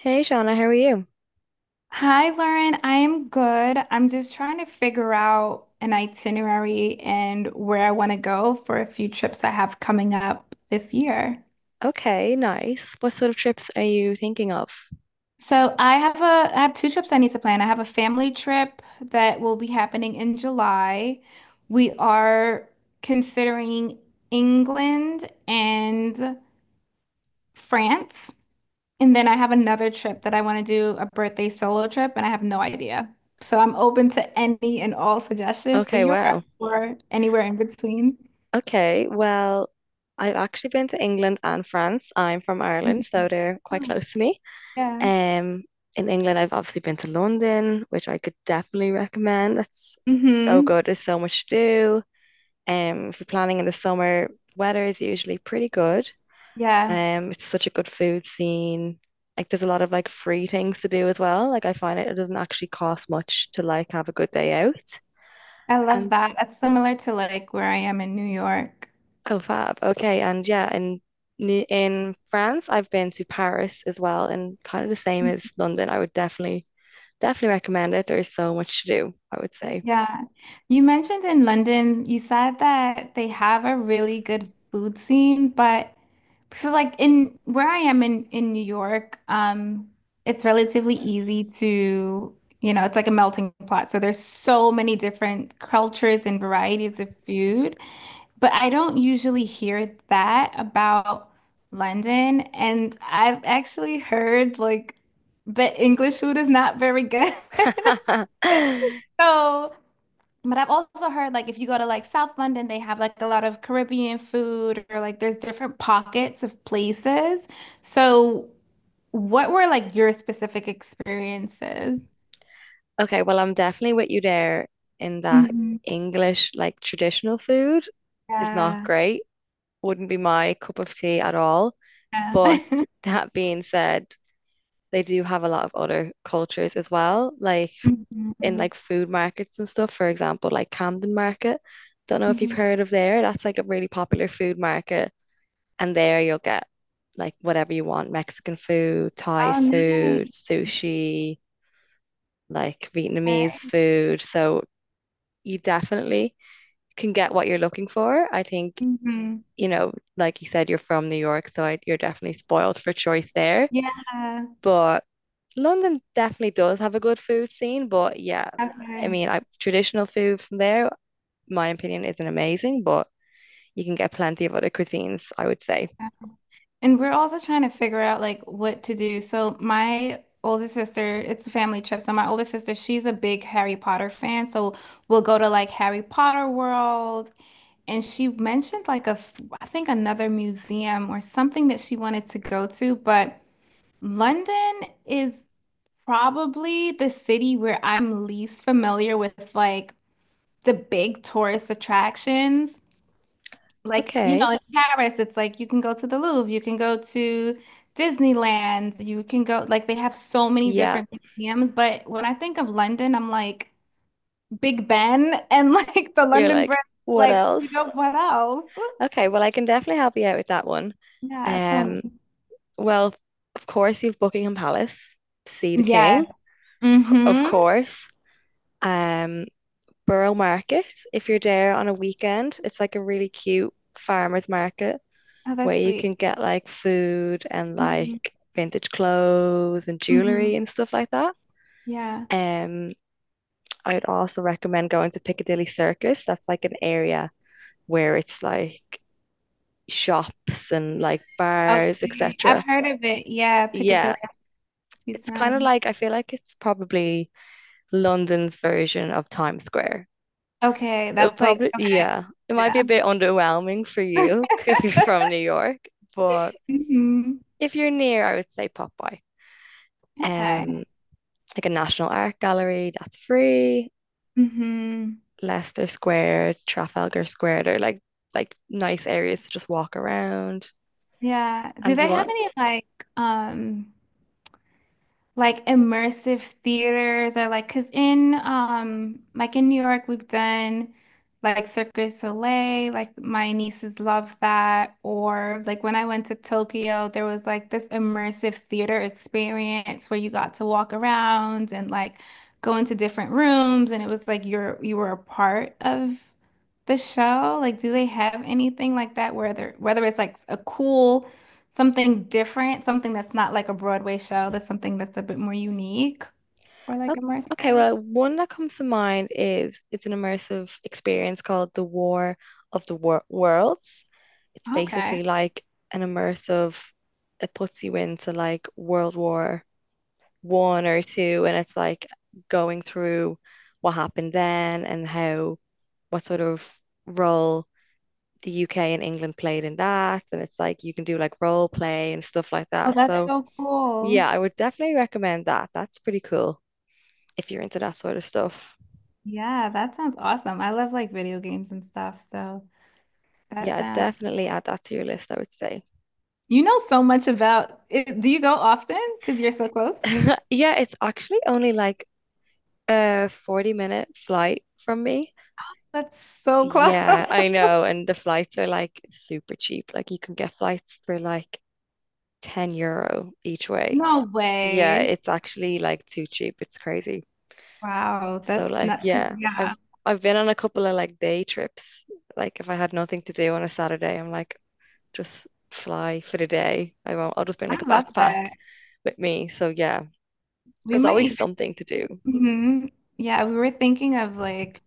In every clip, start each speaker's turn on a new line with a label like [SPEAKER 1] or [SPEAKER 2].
[SPEAKER 1] Hey Shauna, how are you?
[SPEAKER 2] Hi, Lauren. I am good. I'm just trying to figure out an itinerary and where I want to go for a few trips I have coming up this year.
[SPEAKER 1] Okay, nice. What sort of trips are you thinking of?
[SPEAKER 2] So I have two trips I need to plan. I have a family trip that will be happening in July. We are considering England and France. And then I have another trip that I want to do, a birthday solo trip, and I have no idea. So I'm open to any and all suggestions for
[SPEAKER 1] Okay,
[SPEAKER 2] Europe
[SPEAKER 1] wow.
[SPEAKER 2] or anywhere in between.
[SPEAKER 1] Okay, well, I've actually been to England and France. I'm from Ireland,
[SPEAKER 2] Mhm.
[SPEAKER 1] so they're quite
[SPEAKER 2] Oh,
[SPEAKER 1] close to me.
[SPEAKER 2] yeah.
[SPEAKER 1] Um, in England, I've obviously been to London, which I could definitely recommend. That's so
[SPEAKER 2] Hmm.
[SPEAKER 1] good. There's so much to do. If you're planning in the summer, weather is usually pretty good.
[SPEAKER 2] Yeah.
[SPEAKER 1] It's such a good food scene. Like there's a lot of like free things to do as well. Like I find it, it doesn't actually cost much to like have a good day out.
[SPEAKER 2] I love
[SPEAKER 1] And
[SPEAKER 2] that. That's similar to like where I am in New York.
[SPEAKER 1] oh fab. Okay. And yeah, in France, I've been to Paris as well, and kind of the same
[SPEAKER 2] Mm.
[SPEAKER 1] as London. I would definitely recommend it. There's so much to do, I would say.
[SPEAKER 2] Yeah. You mentioned in London, you said that they have a really good food scene, but so like in where I am in New York, it's relatively easy to, it's like a melting pot. So there's so many different cultures and varieties of food, but I don't usually hear that about London. And I've actually heard like that English food is not very good. So but I've also heard like if you go to like South London, they have like a lot of Caribbean food or like there's different pockets of places. So what were like your specific experiences?
[SPEAKER 1] Okay, well, I'm definitely with you there in that
[SPEAKER 2] Mhm.
[SPEAKER 1] English, like traditional food is not
[SPEAKER 2] Yeah.
[SPEAKER 1] great. Wouldn't be my cup of tea at all. But
[SPEAKER 2] Yeah.
[SPEAKER 1] that being said, they do have a lot of other cultures as well, like in
[SPEAKER 2] Mhm.
[SPEAKER 1] like food markets and stuff. For example, like Camden Market. Don't know if you've
[SPEAKER 2] Mhm.
[SPEAKER 1] heard of there. That's like a really popular food market, and there you'll get like whatever you want, Mexican food, Thai
[SPEAKER 2] Oh,
[SPEAKER 1] food,
[SPEAKER 2] nice.
[SPEAKER 1] sushi, like Vietnamese
[SPEAKER 2] Okay.
[SPEAKER 1] food. So you definitely can get what you're looking for. I think,
[SPEAKER 2] Mhm.
[SPEAKER 1] you know, like you said, you're from New York, so I, you're definitely spoiled for choice there.
[SPEAKER 2] Yeah.
[SPEAKER 1] But London definitely does have a good food scene, but yeah, I
[SPEAKER 2] Okay.
[SPEAKER 1] mean, I, traditional food from there, my opinion, isn't amazing, but you can get plenty of other cuisines, I would say.
[SPEAKER 2] And we're also trying to figure out like what to do. So my older sister, it's a family trip. So my older sister, she's a big Harry Potter fan. So we'll go to like Harry Potter World. And she mentioned like I think another museum or something that she wanted to go to. But London is probably the city where I'm least familiar with like the big tourist attractions. Like,
[SPEAKER 1] Okay,
[SPEAKER 2] in Paris, it's like you can go to the Louvre, you can go to Disneyland, you can go, like, they have so many
[SPEAKER 1] yeah,
[SPEAKER 2] different museums. But when I think of London, I'm like Big Ben and like the
[SPEAKER 1] you're
[SPEAKER 2] London
[SPEAKER 1] like,
[SPEAKER 2] Bridge,
[SPEAKER 1] what
[SPEAKER 2] like, you
[SPEAKER 1] else?
[SPEAKER 2] know, what else?
[SPEAKER 1] Okay, well, I can definitely help you out with that one.
[SPEAKER 2] Yeah, tell
[SPEAKER 1] Um,
[SPEAKER 2] me.
[SPEAKER 1] well, of course, you've Buckingham Palace to see the King,
[SPEAKER 2] Yes.
[SPEAKER 1] of
[SPEAKER 2] Mm-hmm.
[SPEAKER 1] course. Um, Borough Market, if you're there on a weekend, it's like a really cute farmers market
[SPEAKER 2] Oh,
[SPEAKER 1] where
[SPEAKER 2] that's
[SPEAKER 1] you
[SPEAKER 2] sweet.
[SPEAKER 1] can get like food and
[SPEAKER 2] Hmm.
[SPEAKER 1] like vintage clothes and
[SPEAKER 2] Hmm.
[SPEAKER 1] jewelry and stuff like that.
[SPEAKER 2] Yeah.
[SPEAKER 1] Um, I would also recommend going to Piccadilly Circus. That's like an area where it's like shops and like bars,
[SPEAKER 2] Okay. I've
[SPEAKER 1] etc.
[SPEAKER 2] heard of it. Yeah, Piccadilly
[SPEAKER 1] Yeah,
[SPEAKER 2] a few
[SPEAKER 1] it's kind of
[SPEAKER 2] times.
[SPEAKER 1] like I feel like it's probably London's version of Times Square.
[SPEAKER 2] Okay,
[SPEAKER 1] It'll
[SPEAKER 2] that's like,
[SPEAKER 1] probably,
[SPEAKER 2] okay.
[SPEAKER 1] yeah, it might be
[SPEAKER 2] Yeah.
[SPEAKER 1] a bit underwhelming for you if you're from New York, but
[SPEAKER 2] Hmm.
[SPEAKER 1] if you're near, I would say pop by. Um,
[SPEAKER 2] Okay.
[SPEAKER 1] like a National Art Gallery that's free,
[SPEAKER 2] Hmm.
[SPEAKER 1] Leicester Square, Trafalgar Square, they're like nice areas to just walk around.
[SPEAKER 2] Yeah. Do
[SPEAKER 1] And if you
[SPEAKER 2] they have
[SPEAKER 1] want,
[SPEAKER 2] any like immersive theaters or like because in like in New York we've done like Cirque du Soleil, like my nieces love that. Or like when I went to Tokyo, there was like this immersive theater experience where you got to walk around and like go into different rooms and it was like you were a part of the show. Like do they have anything like that where they're whether it's like a cool something different, something that's not like a Broadway show, that's something that's a bit more unique or like
[SPEAKER 1] oh, okay,
[SPEAKER 2] immersive.
[SPEAKER 1] well, one that comes to mind is it's an immersive experience called The War of the Worlds. It's
[SPEAKER 2] Okay.
[SPEAKER 1] basically like an immersive, it puts you into like World War I or two, and it's like going through what happened then and how what sort of role the UK and England played in that. And it's like you can do like role play and stuff like
[SPEAKER 2] Oh,
[SPEAKER 1] that.
[SPEAKER 2] that's
[SPEAKER 1] So
[SPEAKER 2] so cool.
[SPEAKER 1] yeah, I would definitely recommend that. That's pretty cool if you're into that sort of stuff.
[SPEAKER 2] Yeah, that sounds awesome. I love like video games and stuff, so that
[SPEAKER 1] Yeah,
[SPEAKER 2] sounds.
[SPEAKER 1] definitely add that to your list, I would say.
[SPEAKER 2] You know so much about it. Do you go often? Because you're so close.
[SPEAKER 1] Yeah, it's actually only like a 40-minute flight from me.
[SPEAKER 2] That's so close.
[SPEAKER 1] Yeah, I know. And the flights are like super cheap. Like you can get flights for like €10 each way.
[SPEAKER 2] No
[SPEAKER 1] Yeah,
[SPEAKER 2] way.
[SPEAKER 1] it's actually like too cheap. It's crazy.
[SPEAKER 2] Wow,
[SPEAKER 1] So
[SPEAKER 2] that's
[SPEAKER 1] like
[SPEAKER 2] nuts. 'Cause,
[SPEAKER 1] yeah,
[SPEAKER 2] yeah,
[SPEAKER 1] I've been on a couple of like day trips. Like if I had nothing to do on a Saturday, I'm like just fly for the day. I won't, I'll just bring
[SPEAKER 2] I
[SPEAKER 1] like a
[SPEAKER 2] love
[SPEAKER 1] backpack
[SPEAKER 2] that.
[SPEAKER 1] with me. So yeah,
[SPEAKER 2] We
[SPEAKER 1] there's
[SPEAKER 2] might
[SPEAKER 1] always
[SPEAKER 2] even,
[SPEAKER 1] something to do.
[SPEAKER 2] mhm. Yeah, we were thinking of like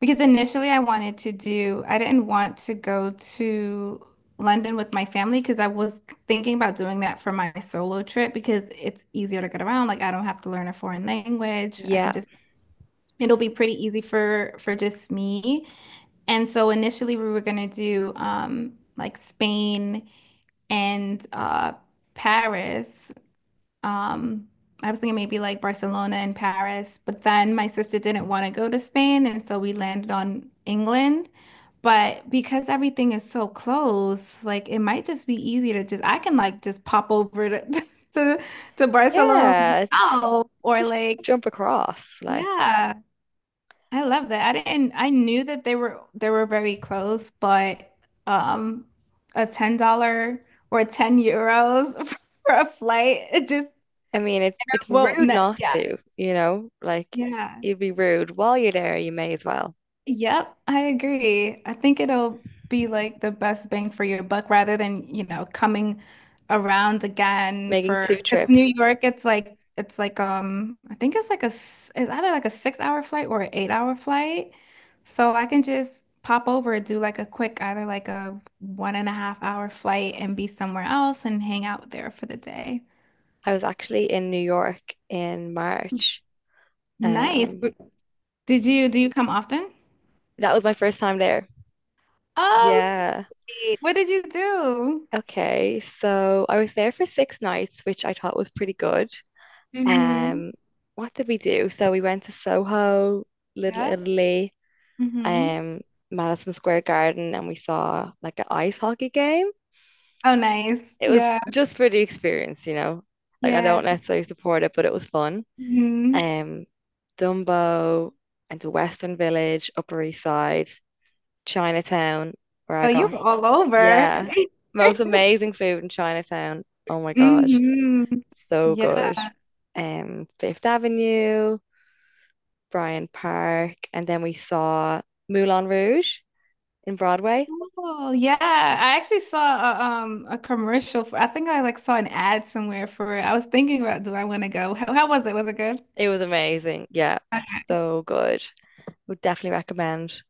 [SPEAKER 2] because initially I wanted to do, I didn't want to go to London with my family because I was thinking about doing that for my solo trip because it's easier to get around. Like I don't have to learn a foreign language. I can
[SPEAKER 1] Yeah.
[SPEAKER 2] just, it'll be pretty easy for just me. And so initially we were gonna do like Spain and Paris. Um I was thinking maybe like Barcelona and Paris, but then my sister didn't want to go to Spain, and so we landed on England. But because everything is so close, like it might just be easy to just I can like just pop over to to, to Barcelona
[SPEAKER 1] Yeah,
[SPEAKER 2] myself or
[SPEAKER 1] just
[SPEAKER 2] like
[SPEAKER 1] jump across. Like
[SPEAKER 2] yeah, I love that. I didn't I knew that they were very close, but um a $10 or €10 for a flight, it just
[SPEAKER 1] I mean, it's
[SPEAKER 2] won't
[SPEAKER 1] rude
[SPEAKER 2] net.
[SPEAKER 1] not
[SPEAKER 2] Yeah.
[SPEAKER 1] to, you know? Like
[SPEAKER 2] Yeah.
[SPEAKER 1] you'd be rude while you're there, you may as well.
[SPEAKER 2] Yep, I agree. I think it'll be like the best bang for your buck rather than, coming around again
[SPEAKER 1] Making
[SPEAKER 2] for
[SPEAKER 1] two
[SPEAKER 2] 'cause New
[SPEAKER 1] trips.
[SPEAKER 2] York, it's like I think it's like it's either like a 6-hour flight or an 8-hour flight. So I can just pop over, do like a quick either like a 1.5-hour flight and be somewhere else and hang out there for the day.
[SPEAKER 1] I was actually in New York in March.
[SPEAKER 2] Nice.
[SPEAKER 1] Um
[SPEAKER 2] But Did you do you come often?
[SPEAKER 1] that was my first time there.
[SPEAKER 2] Oh,
[SPEAKER 1] Yeah.
[SPEAKER 2] sweet. What did you do?
[SPEAKER 1] Okay. So I was there for 6 nights, which I thought was pretty good.
[SPEAKER 2] Mm-hmm.
[SPEAKER 1] Um, what did we do? So we went to Soho, Little Italy,
[SPEAKER 2] Hmm.
[SPEAKER 1] um, Madison Square Garden, and we saw like an ice hockey game.
[SPEAKER 2] Oh, nice.
[SPEAKER 1] It was
[SPEAKER 2] Yeah.
[SPEAKER 1] just for the experience, you know. Like I
[SPEAKER 2] Yeah.
[SPEAKER 1] don't necessarily support it, but it was fun.
[SPEAKER 2] Hmm.
[SPEAKER 1] Um, Dumbo and the Western Village, Upper East Side, Chinatown, where
[SPEAKER 2] Oh,
[SPEAKER 1] I
[SPEAKER 2] you
[SPEAKER 1] got
[SPEAKER 2] were all over.
[SPEAKER 1] yeah. Most amazing food in Chinatown. Oh my gosh.
[SPEAKER 2] Hmm.
[SPEAKER 1] So
[SPEAKER 2] Yeah.
[SPEAKER 1] good. Fifth Avenue, Bryant Park, and then we saw Moulin Rouge in Broadway.
[SPEAKER 2] Oh, yeah. I actually saw a commercial for, I think I like saw an ad somewhere for it. I was thinking about do I want to go? How was it? Was it good?
[SPEAKER 1] It was amazing. Yeah, so good. Would definitely recommend.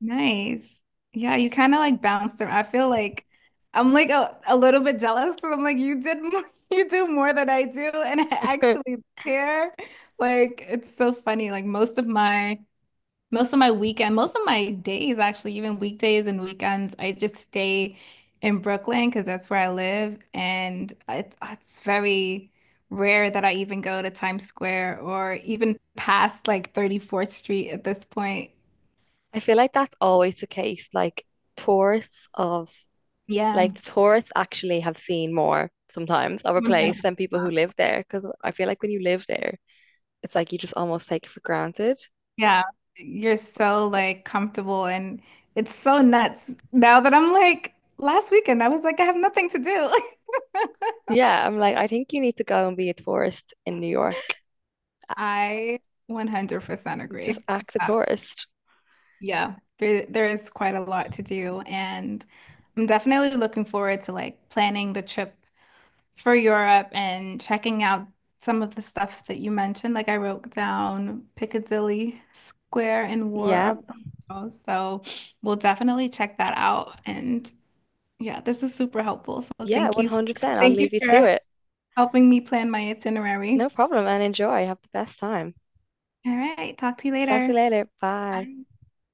[SPEAKER 2] Nice. Yeah, you kind of like bounced around. I feel like I'm like a little bit jealous because I'm like you did more, you do more than I do and I
[SPEAKER 1] I
[SPEAKER 2] actually care. Like it's so funny. Like most of my weekend, most of my days, actually, even weekdays and weekends, I just stay in Brooklyn because that's where I live. And it's very rare that I even go to Times Square or even past like 34th Street at this point.
[SPEAKER 1] feel like that's always the case. Like tourists of
[SPEAKER 2] Yeah.
[SPEAKER 1] like the tourists actually have seen more sometimes of a place than people
[SPEAKER 2] 100%.
[SPEAKER 1] who live there. Because I feel like when you live there, it's like you just almost take it for granted.
[SPEAKER 2] Yeah. You're so like comfortable and it's so nuts now that I'm like, last weekend, I was like, I have nothing to do.
[SPEAKER 1] Yeah, I'm like, I think you need to go and be a tourist in New York. A-
[SPEAKER 2] I 100%
[SPEAKER 1] Just
[SPEAKER 2] agree.
[SPEAKER 1] act a tourist.
[SPEAKER 2] Yeah, there is quite a lot to do, and I'm definitely looking forward to like planning the trip for Europe and checking out some of the stuff that you mentioned. Like I wrote down Piccadilly Square and War
[SPEAKER 1] Yeah,
[SPEAKER 2] of the Worlds, so we'll definitely check that out. And yeah, this was super helpful. So
[SPEAKER 1] yeah,
[SPEAKER 2] thank you,
[SPEAKER 1] 100%. I'll
[SPEAKER 2] thank you
[SPEAKER 1] leave you to
[SPEAKER 2] for
[SPEAKER 1] it.
[SPEAKER 2] helping me plan my
[SPEAKER 1] No
[SPEAKER 2] itinerary.
[SPEAKER 1] problem, and enjoy. Have the best time.
[SPEAKER 2] All right, talk to you
[SPEAKER 1] Talk to you
[SPEAKER 2] later.
[SPEAKER 1] later. Bye.
[SPEAKER 2] Bye.